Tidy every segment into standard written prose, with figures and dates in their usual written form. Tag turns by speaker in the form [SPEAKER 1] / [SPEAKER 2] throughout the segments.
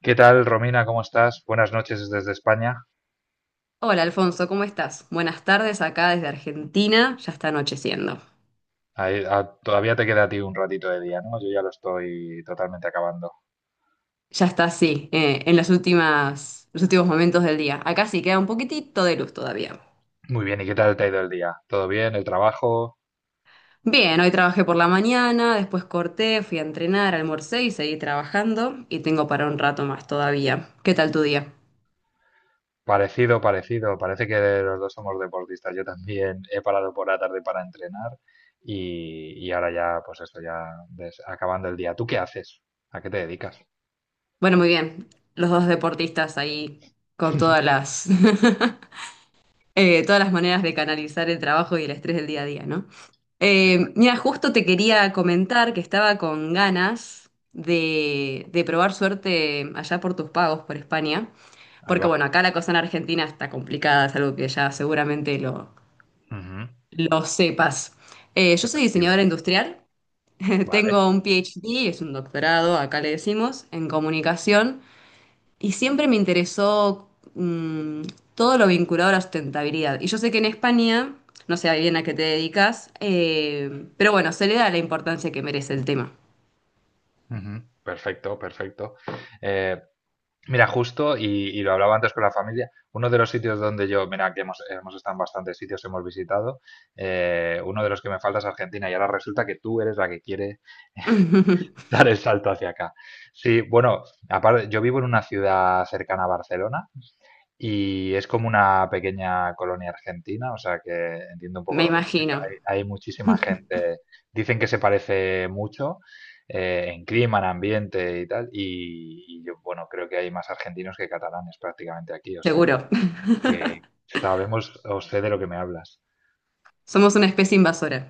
[SPEAKER 1] ¿Qué tal, Romina? ¿Cómo estás? Buenas noches desde España.
[SPEAKER 2] Hola Alfonso, ¿cómo estás? Buenas tardes acá desde Argentina, ya está anocheciendo.
[SPEAKER 1] Todavía te queda a ti un ratito de día, ¿no? Yo ya lo estoy totalmente acabando.
[SPEAKER 2] Ya está así, los últimos momentos del día. Acá sí queda un poquitito de luz todavía.
[SPEAKER 1] Muy bien, ¿y qué tal te ha ido el día? ¿Todo bien? ¿El trabajo?
[SPEAKER 2] Bien, hoy trabajé por la mañana, después corté, fui a entrenar, almorcé y seguí trabajando y tengo para un rato más todavía. ¿Qué tal tu día?
[SPEAKER 1] Parecido, parecido. Parece que los dos somos deportistas. Yo también he parado por la tarde para entrenar y ahora ya, pues esto ya acabando el día. ¿Tú qué haces? ¿A qué te dedicas?
[SPEAKER 2] Bueno, muy bien. Los dos deportistas ahí con todas las todas las maneras de canalizar el trabajo y el estrés del día a día, ¿no?
[SPEAKER 1] Exacto.
[SPEAKER 2] Mira, justo te quería comentar que estaba con ganas de probar suerte allá por tus pagos por España,
[SPEAKER 1] Ahí
[SPEAKER 2] porque
[SPEAKER 1] va.
[SPEAKER 2] bueno, acá la cosa en Argentina está complicada, es algo que ya seguramente lo,
[SPEAKER 1] Ujú.
[SPEAKER 2] lo sepas.
[SPEAKER 1] Se
[SPEAKER 2] Yo soy
[SPEAKER 1] percibe.
[SPEAKER 2] diseñadora industrial,
[SPEAKER 1] Vale.
[SPEAKER 2] tengo un PhD, es un doctorado, acá le decimos, en comunicación. Y siempre me interesó mm, todo lo vinculado a la sustentabilidad. Y yo sé que en España, no sé bien a qué te dedicas, pero bueno, se le da la importancia que merece el tema.
[SPEAKER 1] Ujú. Perfecto, perfecto. Eh, Mira, justo, y lo hablaba antes con la familia, uno de los sitios donde yo, mira, que hemos estado en bastantes sitios, hemos visitado, uno de los que me falta es Argentina y ahora resulta que tú eres la que quiere dar el salto hacia acá. Sí, bueno, aparte, yo vivo en una ciudad cercana a Barcelona, y es como una pequeña colonia argentina, o sea que entiendo un poco
[SPEAKER 2] Me
[SPEAKER 1] lo que me dices.
[SPEAKER 2] imagino,
[SPEAKER 1] Hay muchísima gente, dicen que se parece mucho en clima, en ambiente y tal, y yo, bueno, creo que hay más argentinos que catalanes prácticamente aquí, o sea
[SPEAKER 2] seguro.
[SPEAKER 1] que sabemos o sé de lo que me hablas.
[SPEAKER 2] Somos una especie invasora.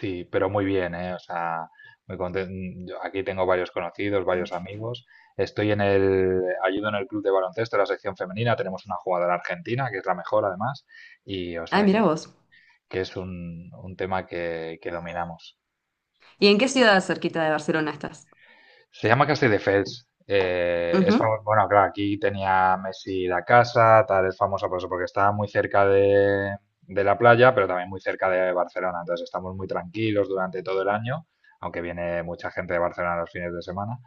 [SPEAKER 1] Sí, pero muy bien, ¿eh? O sea, muy contento. Aquí tengo varios conocidos, varios amigos. Estoy en el, ayudo en el club de baloncesto, la sección femenina. Tenemos una jugadora argentina, que es la mejor además. Y o
[SPEAKER 2] Ah,
[SPEAKER 1] sea,
[SPEAKER 2] mira vos.
[SPEAKER 1] que es un tema que dominamos.
[SPEAKER 2] ¿Y en qué ciudad cerquita de Barcelona estás?
[SPEAKER 1] Se llama Castell Defels. Es
[SPEAKER 2] Ujú.
[SPEAKER 1] bueno, claro, aquí tenía Messi la casa, tal, es famosa por eso, porque está muy cerca de la playa, pero también muy cerca de Barcelona. Entonces estamos muy tranquilos durante todo el año, aunque viene mucha gente de Barcelona los fines de semana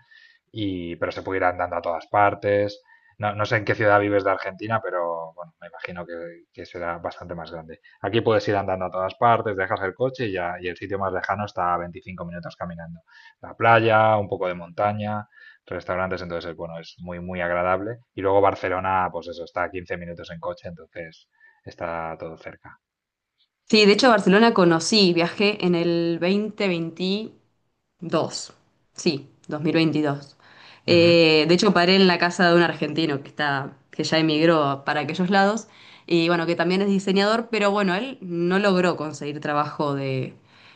[SPEAKER 1] y, pero se puede ir andando a todas partes. No, no sé en qué ciudad vives de Argentina, pero bueno, me imagino que será bastante más grande. Aquí puedes ir andando a todas partes, dejas el coche y, ya, y el sitio más lejano está a 25 minutos caminando. La playa, un poco de montaña, restaurantes, entonces bueno, es muy, muy agradable. Y luego Barcelona, pues eso, está a 15 minutos en coche, entonces está todo cerca.
[SPEAKER 2] Sí, de hecho Barcelona conocí, viajé en el 2021, dos, sí, 2022.
[SPEAKER 1] Ujú.
[SPEAKER 2] De hecho, paré en la casa de un argentino que ya emigró para aquellos lados, y bueno, que también es diseñador, pero bueno, él no logró conseguir trabajo de,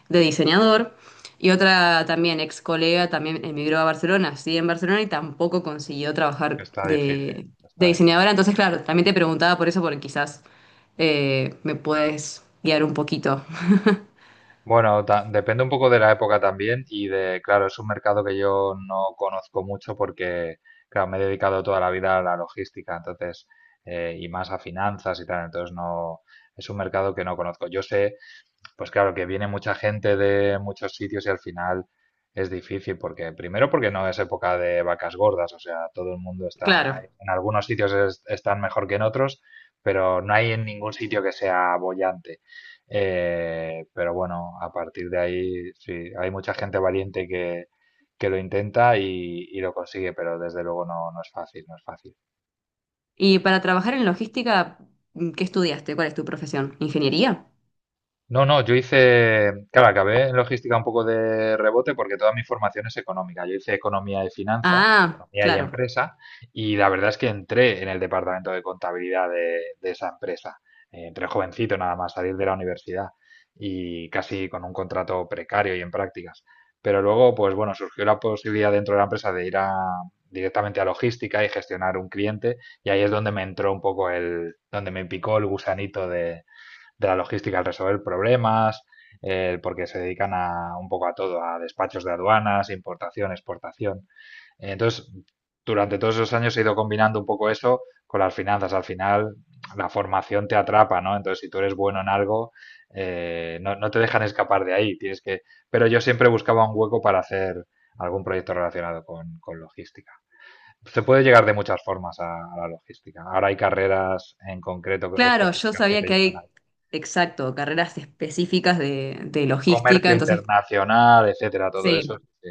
[SPEAKER 2] de diseñador. Y otra también ex colega también emigró a Barcelona, sí, en Barcelona y tampoco consiguió trabajar
[SPEAKER 1] Está difícil,
[SPEAKER 2] de
[SPEAKER 1] está difícil.
[SPEAKER 2] diseñadora. Entonces, claro, también te preguntaba por eso, porque quizás me puedes guiar un poquito.
[SPEAKER 1] Bueno, depende un poco de la época también y de, claro, es un mercado que yo no conozco mucho porque, claro, me he dedicado toda la vida a la logística, entonces, y más a finanzas y tal, entonces no, es un mercado que no conozco. Yo sé, pues claro, que viene mucha gente de muchos sitios y al final es difícil porque, primero porque no es época de vacas gordas, o sea, todo el mundo está,
[SPEAKER 2] Claro.
[SPEAKER 1] en algunos sitios están mejor que en otros, pero no hay en ningún sitio que sea boyante. Pero bueno, a partir de ahí, sí, hay mucha gente valiente que lo intenta y lo consigue, pero desde luego no, no es fácil, no es fácil.
[SPEAKER 2] Y para trabajar en logística, ¿qué estudiaste? ¿Cuál es tu profesión? ¿Ingeniería?
[SPEAKER 1] No, no, yo hice, claro, acabé en logística un poco de rebote porque toda mi formación es económica. Yo hice economía y finanzas,
[SPEAKER 2] Ah,
[SPEAKER 1] economía y
[SPEAKER 2] claro.
[SPEAKER 1] empresa, y la verdad es que entré en el departamento de contabilidad de esa empresa. Entré jovencito nada más, salir de la universidad y casi con un contrato precario y en prácticas. Pero luego, pues bueno, surgió la posibilidad dentro de la empresa de ir a, directamente a logística y gestionar un cliente, y ahí es donde me entró un poco el, donde me picó el gusanito de la logística al resolver problemas, porque se dedican a un poco a todo, a despachos de aduanas, importación, exportación. Entonces, durante todos esos años he ido combinando un poco eso con las finanzas. Al final, la formación te atrapa, ¿no? Entonces, si tú eres bueno en algo, no, no te dejan escapar de ahí. Tienes que... Pero yo siempre buscaba un hueco para hacer algún proyecto relacionado con logística. Se puede llegar de muchas formas a, la logística. Ahora hay carreras en concreto
[SPEAKER 2] Claro, yo
[SPEAKER 1] específicas que
[SPEAKER 2] sabía
[SPEAKER 1] te
[SPEAKER 2] que
[SPEAKER 1] llevan a
[SPEAKER 2] hay, exacto, carreras específicas de logística,
[SPEAKER 1] comercio
[SPEAKER 2] entonces,
[SPEAKER 1] internacional, etcétera, todo eso.
[SPEAKER 2] sí.
[SPEAKER 1] Sí.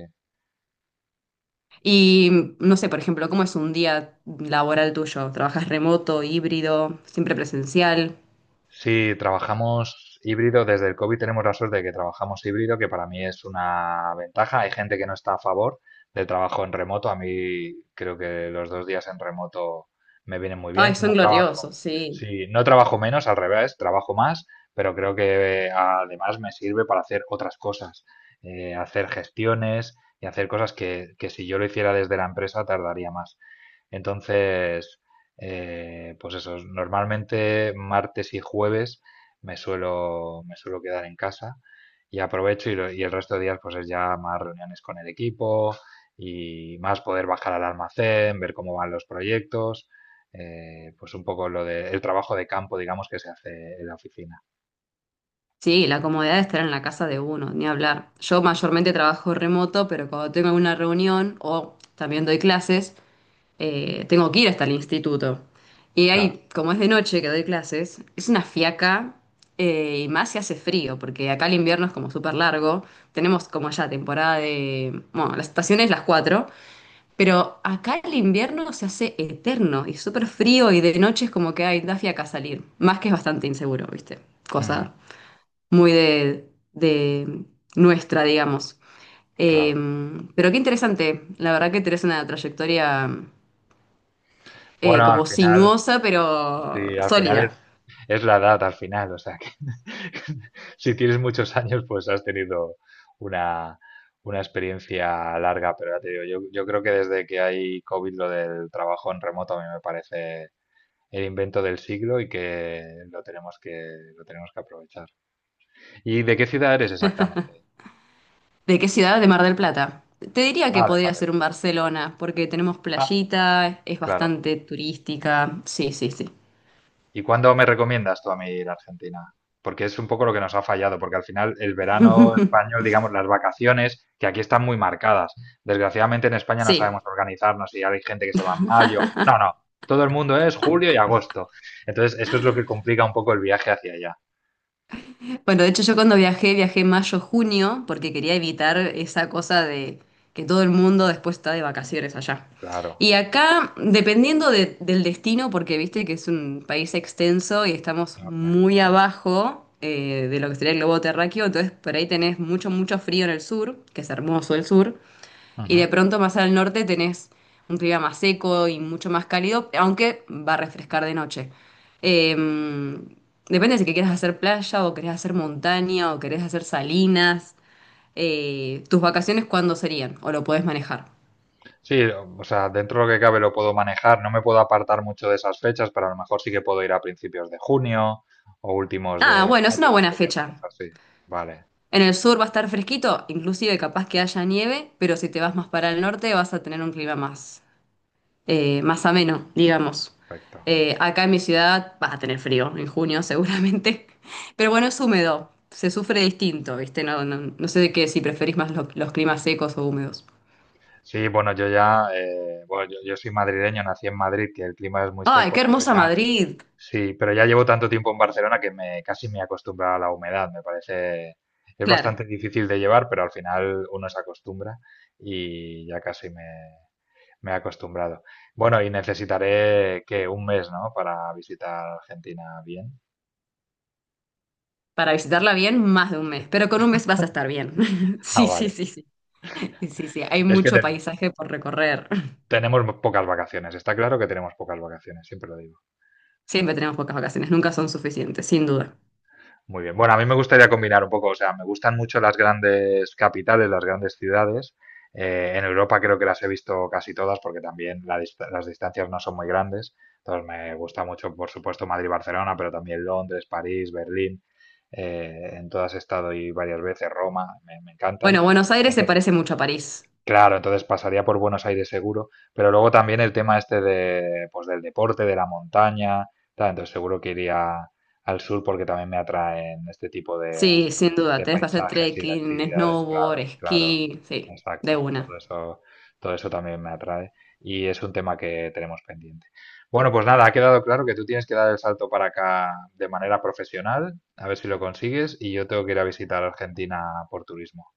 [SPEAKER 2] Y no sé, por ejemplo, ¿cómo es un día laboral tuyo? ¿Trabajas remoto, híbrido, siempre presencial?
[SPEAKER 1] Sí, trabajamos híbrido, desde el COVID tenemos la suerte de que trabajamos híbrido, que para mí es una ventaja. Hay gente que no está a favor del trabajo en remoto. A mí creo que los dos días en remoto me vienen muy
[SPEAKER 2] Ay,
[SPEAKER 1] bien.
[SPEAKER 2] son
[SPEAKER 1] No trabajo,
[SPEAKER 2] gloriosos, sí.
[SPEAKER 1] sí, no trabajo menos, al revés, trabajo más, pero creo que además me sirve para hacer otras cosas, hacer gestiones y hacer cosas que si yo lo hiciera desde la empresa tardaría más. Entonces, pues eso, normalmente martes y jueves me suelo quedar en casa y aprovecho y, y el resto de días pues es ya más reuniones con el equipo y más poder bajar al almacén, ver cómo van los proyectos, pues un poco lo de, el trabajo de campo, digamos, que se hace en la oficina.
[SPEAKER 2] Sí, la comodidad de estar en la casa de uno, ni hablar. Yo mayormente trabajo remoto, pero cuando tengo alguna reunión o también doy clases, tengo que ir hasta el instituto. Y
[SPEAKER 1] Claro.
[SPEAKER 2] ahí, como es de noche que doy clases, es una fiaca, y más si hace frío, porque acá el invierno es como súper largo. Tenemos como ya temporada de... Bueno, la estación es las 4, pero acá el invierno se hace eterno y súper frío y de noche es como que hay da fiaca salir. Más que es bastante inseguro, ¿viste?
[SPEAKER 1] Ujú.
[SPEAKER 2] Cosa muy de nuestra, digamos.
[SPEAKER 1] Claro.
[SPEAKER 2] Eh, pero qué interesante, la verdad que tenés una trayectoria,
[SPEAKER 1] Bueno, al
[SPEAKER 2] como
[SPEAKER 1] final,
[SPEAKER 2] sinuosa,
[SPEAKER 1] sí,
[SPEAKER 2] pero
[SPEAKER 1] al final
[SPEAKER 2] sólida.
[SPEAKER 1] es la edad al final, o sea, que si tienes muchos años, pues has tenido una, una experiencia larga, pero ya te digo, yo creo que desde que hay COVID lo del trabajo en remoto a mí me parece el invento del siglo y que lo tenemos que, lo tenemos que aprovechar. ¿Y de qué ciudad eres exactamente?
[SPEAKER 2] ¿De qué ciudad? De Mar del Plata. Te diría que
[SPEAKER 1] Ah, de Mar
[SPEAKER 2] podría
[SPEAKER 1] del
[SPEAKER 2] ser un Barcelona, porque tenemos
[SPEAKER 1] Plata. Ah,
[SPEAKER 2] playita, es
[SPEAKER 1] claro.
[SPEAKER 2] bastante turística. Sí, sí, sí.
[SPEAKER 1] ¿Y cuándo me recomiendas tú a mí ir a Argentina? Porque es un poco lo que nos ha fallado, porque al final el verano español, digamos, las vacaciones, que aquí están muy marcadas. Desgraciadamente en España no sabemos
[SPEAKER 2] Sí.
[SPEAKER 1] organizarnos y hay gente que se va en mayo. No, no, todo el mundo es julio y agosto. Entonces, eso es lo que complica un poco el viaje hacia allá.
[SPEAKER 2] Bueno, de hecho yo cuando viajé, mayo-junio, porque quería evitar esa cosa de que todo el mundo después está de vacaciones allá.
[SPEAKER 1] Claro.
[SPEAKER 2] Y acá, dependiendo del destino, porque viste que es un país extenso y estamos
[SPEAKER 1] Enorme.
[SPEAKER 2] muy abajo, de lo que sería el globo terráqueo, entonces por ahí tenés mucho, mucho frío en el sur, que es hermoso el sur, y
[SPEAKER 1] Ujú.
[SPEAKER 2] de pronto más al norte tenés un clima más seco y mucho más cálido, aunque va a refrescar de noche. Eh, Depende si que quieres hacer playa o querés hacer montaña o querés hacer salinas. ¿Tus vacaciones cuándo serían? ¿O lo podés manejar?
[SPEAKER 1] Sí, o sea, dentro de lo que cabe lo puedo manejar, no me puedo apartar mucho de esas fechas, pero a lo mejor sí que puedo ir a principios de junio o últimos
[SPEAKER 2] Ah,
[SPEAKER 1] de
[SPEAKER 2] bueno, es una
[SPEAKER 1] mayo,
[SPEAKER 2] buena
[SPEAKER 1] sería una
[SPEAKER 2] fecha.
[SPEAKER 1] cosa así. Vale,
[SPEAKER 2] En el sur va a estar fresquito, inclusive capaz que haya nieve, pero si te vas más para el norte vas a tener un clima más, más ameno, digamos.
[SPEAKER 1] perfecto.
[SPEAKER 2] Acá en mi ciudad vas a tener frío en junio seguramente, pero bueno, es húmedo, se sufre distinto, ¿viste? No, no, no sé de qué, si preferís más los climas secos o húmedos.
[SPEAKER 1] Sí, bueno, yo ya, bueno, yo soy madrileño, nací en Madrid, que el clima es muy
[SPEAKER 2] ¡Ay, qué
[SPEAKER 1] seco, pero
[SPEAKER 2] hermosa
[SPEAKER 1] ya,
[SPEAKER 2] Madrid!
[SPEAKER 1] sí, pero ya llevo tanto tiempo en Barcelona que me, casi me he acostumbrado a la humedad, me parece, es
[SPEAKER 2] Claro,
[SPEAKER 1] bastante difícil de llevar, pero al final uno se acostumbra y ya me he acostumbrado. Bueno, y necesitaré que un mes, ¿no? Para visitar Argentina bien.
[SPEAKER 2] para visitarla bien, más de un mes, pero con un mes vas a estar bien.
[SPEAKER 1] Ah,
[SPEAKER 2] Sí, sí,
[SPEAKER 1] vale.
[SPEAKER 2] sí, sí. Sí, sí, sí, hay
[SPEAKER 1] Es que
[SPEAKER 2] mucho paisaje por recorrer.
[SPEAKER 1] tenemos pocas vacaciones, está claro que tenemos pocas vacaciones, siempre lo digo.
[SPEAKER 2] Siempre tenemos pocas vacaciones, nunca son suficientes, sin duda.
[SPEAKER 1] Muy bien. Bueno, a mí me gustaría combinar un poco, o sea, me gustan mucho las grandes capitales, las grandes ciudades. En Europa creo que las he visto casi todas porque también las distancias no son muy grandes. Entonces me gusta mucho, por supuesto, Madrid-Barcelona, pero también Londres, París, Berlín. En todas he estado y varias veces, Roma, me encantan.
[SPEAKER 2] Bueno, Buenos Aires se
[SPEAKER 1] Entonces,
[SPEAKER 2] parece mucho a París.
[SPEAKER 1] claro, entonces pasaría por Buenos Aires seguro, pero luego también el tema este de, pues del deporte, de la montaña, tal, entonces seguro que iría al sur porque también me atraen este tipo
[SPEAKER 2] Sí, sin duda.
[SPEAKER 1] de
[SPEAKER 2] Tenés para hacer
[SPEAKER 1] paisajes y de
[SPEAKER 2] trekking,
[SPEAKER 1] actividades,
[SPEAKER 2] snowboard,
[SPEAKER 1] claro, claro,
[SPEAKER 2] esquí. Sí, de
[SPEAKER 1] exacto,
[SPEAKER 2] una.
[SPEAKER 1] todo eso también me atrae y es un tema que tenemos pendiente. Bueno, pues nada, ha quedado claro que tú tienes que dar el salto para acá de manera profesional, a ver si lo consigues, y yo tengo que ir a visitar Argentina por turismo.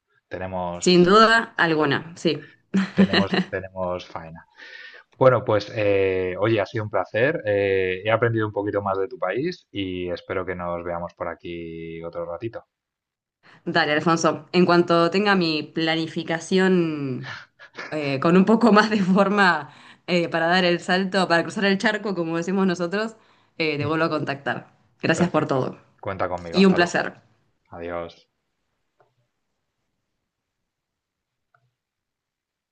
[SPEAKER 2] Sin
[SPEAKER 1] Tenemos,
[SPEAKER 2] duda alguna, sí.
[SPEAKER 1] tenemos faena. Bueno, pues oye, ha sido un placer. He aprendido un poquito más de tu país y espero que nos veamos por aquí otro ratito.
[SPEAKER 2] Dale, Alfonso. En cuanto tenga mi planificación, con un poco más de forma, para dar el salto, para cruzar el charco, como decimos nosotros, te
[SPEAKER 1] Ujú.
[SPEAKER 2] vuelvo a contactar. Gracias por
[SPEAKER 1] Perfecto.
[SPEAKER 2] todo.
[SPEAKER 1] Cuenta conmigo.
[SPEAKER 2] Y un
[SPEAKER 1] Hasta luego.
[SPEAKER 2] placer.
[SPEAKER 1] Adiós.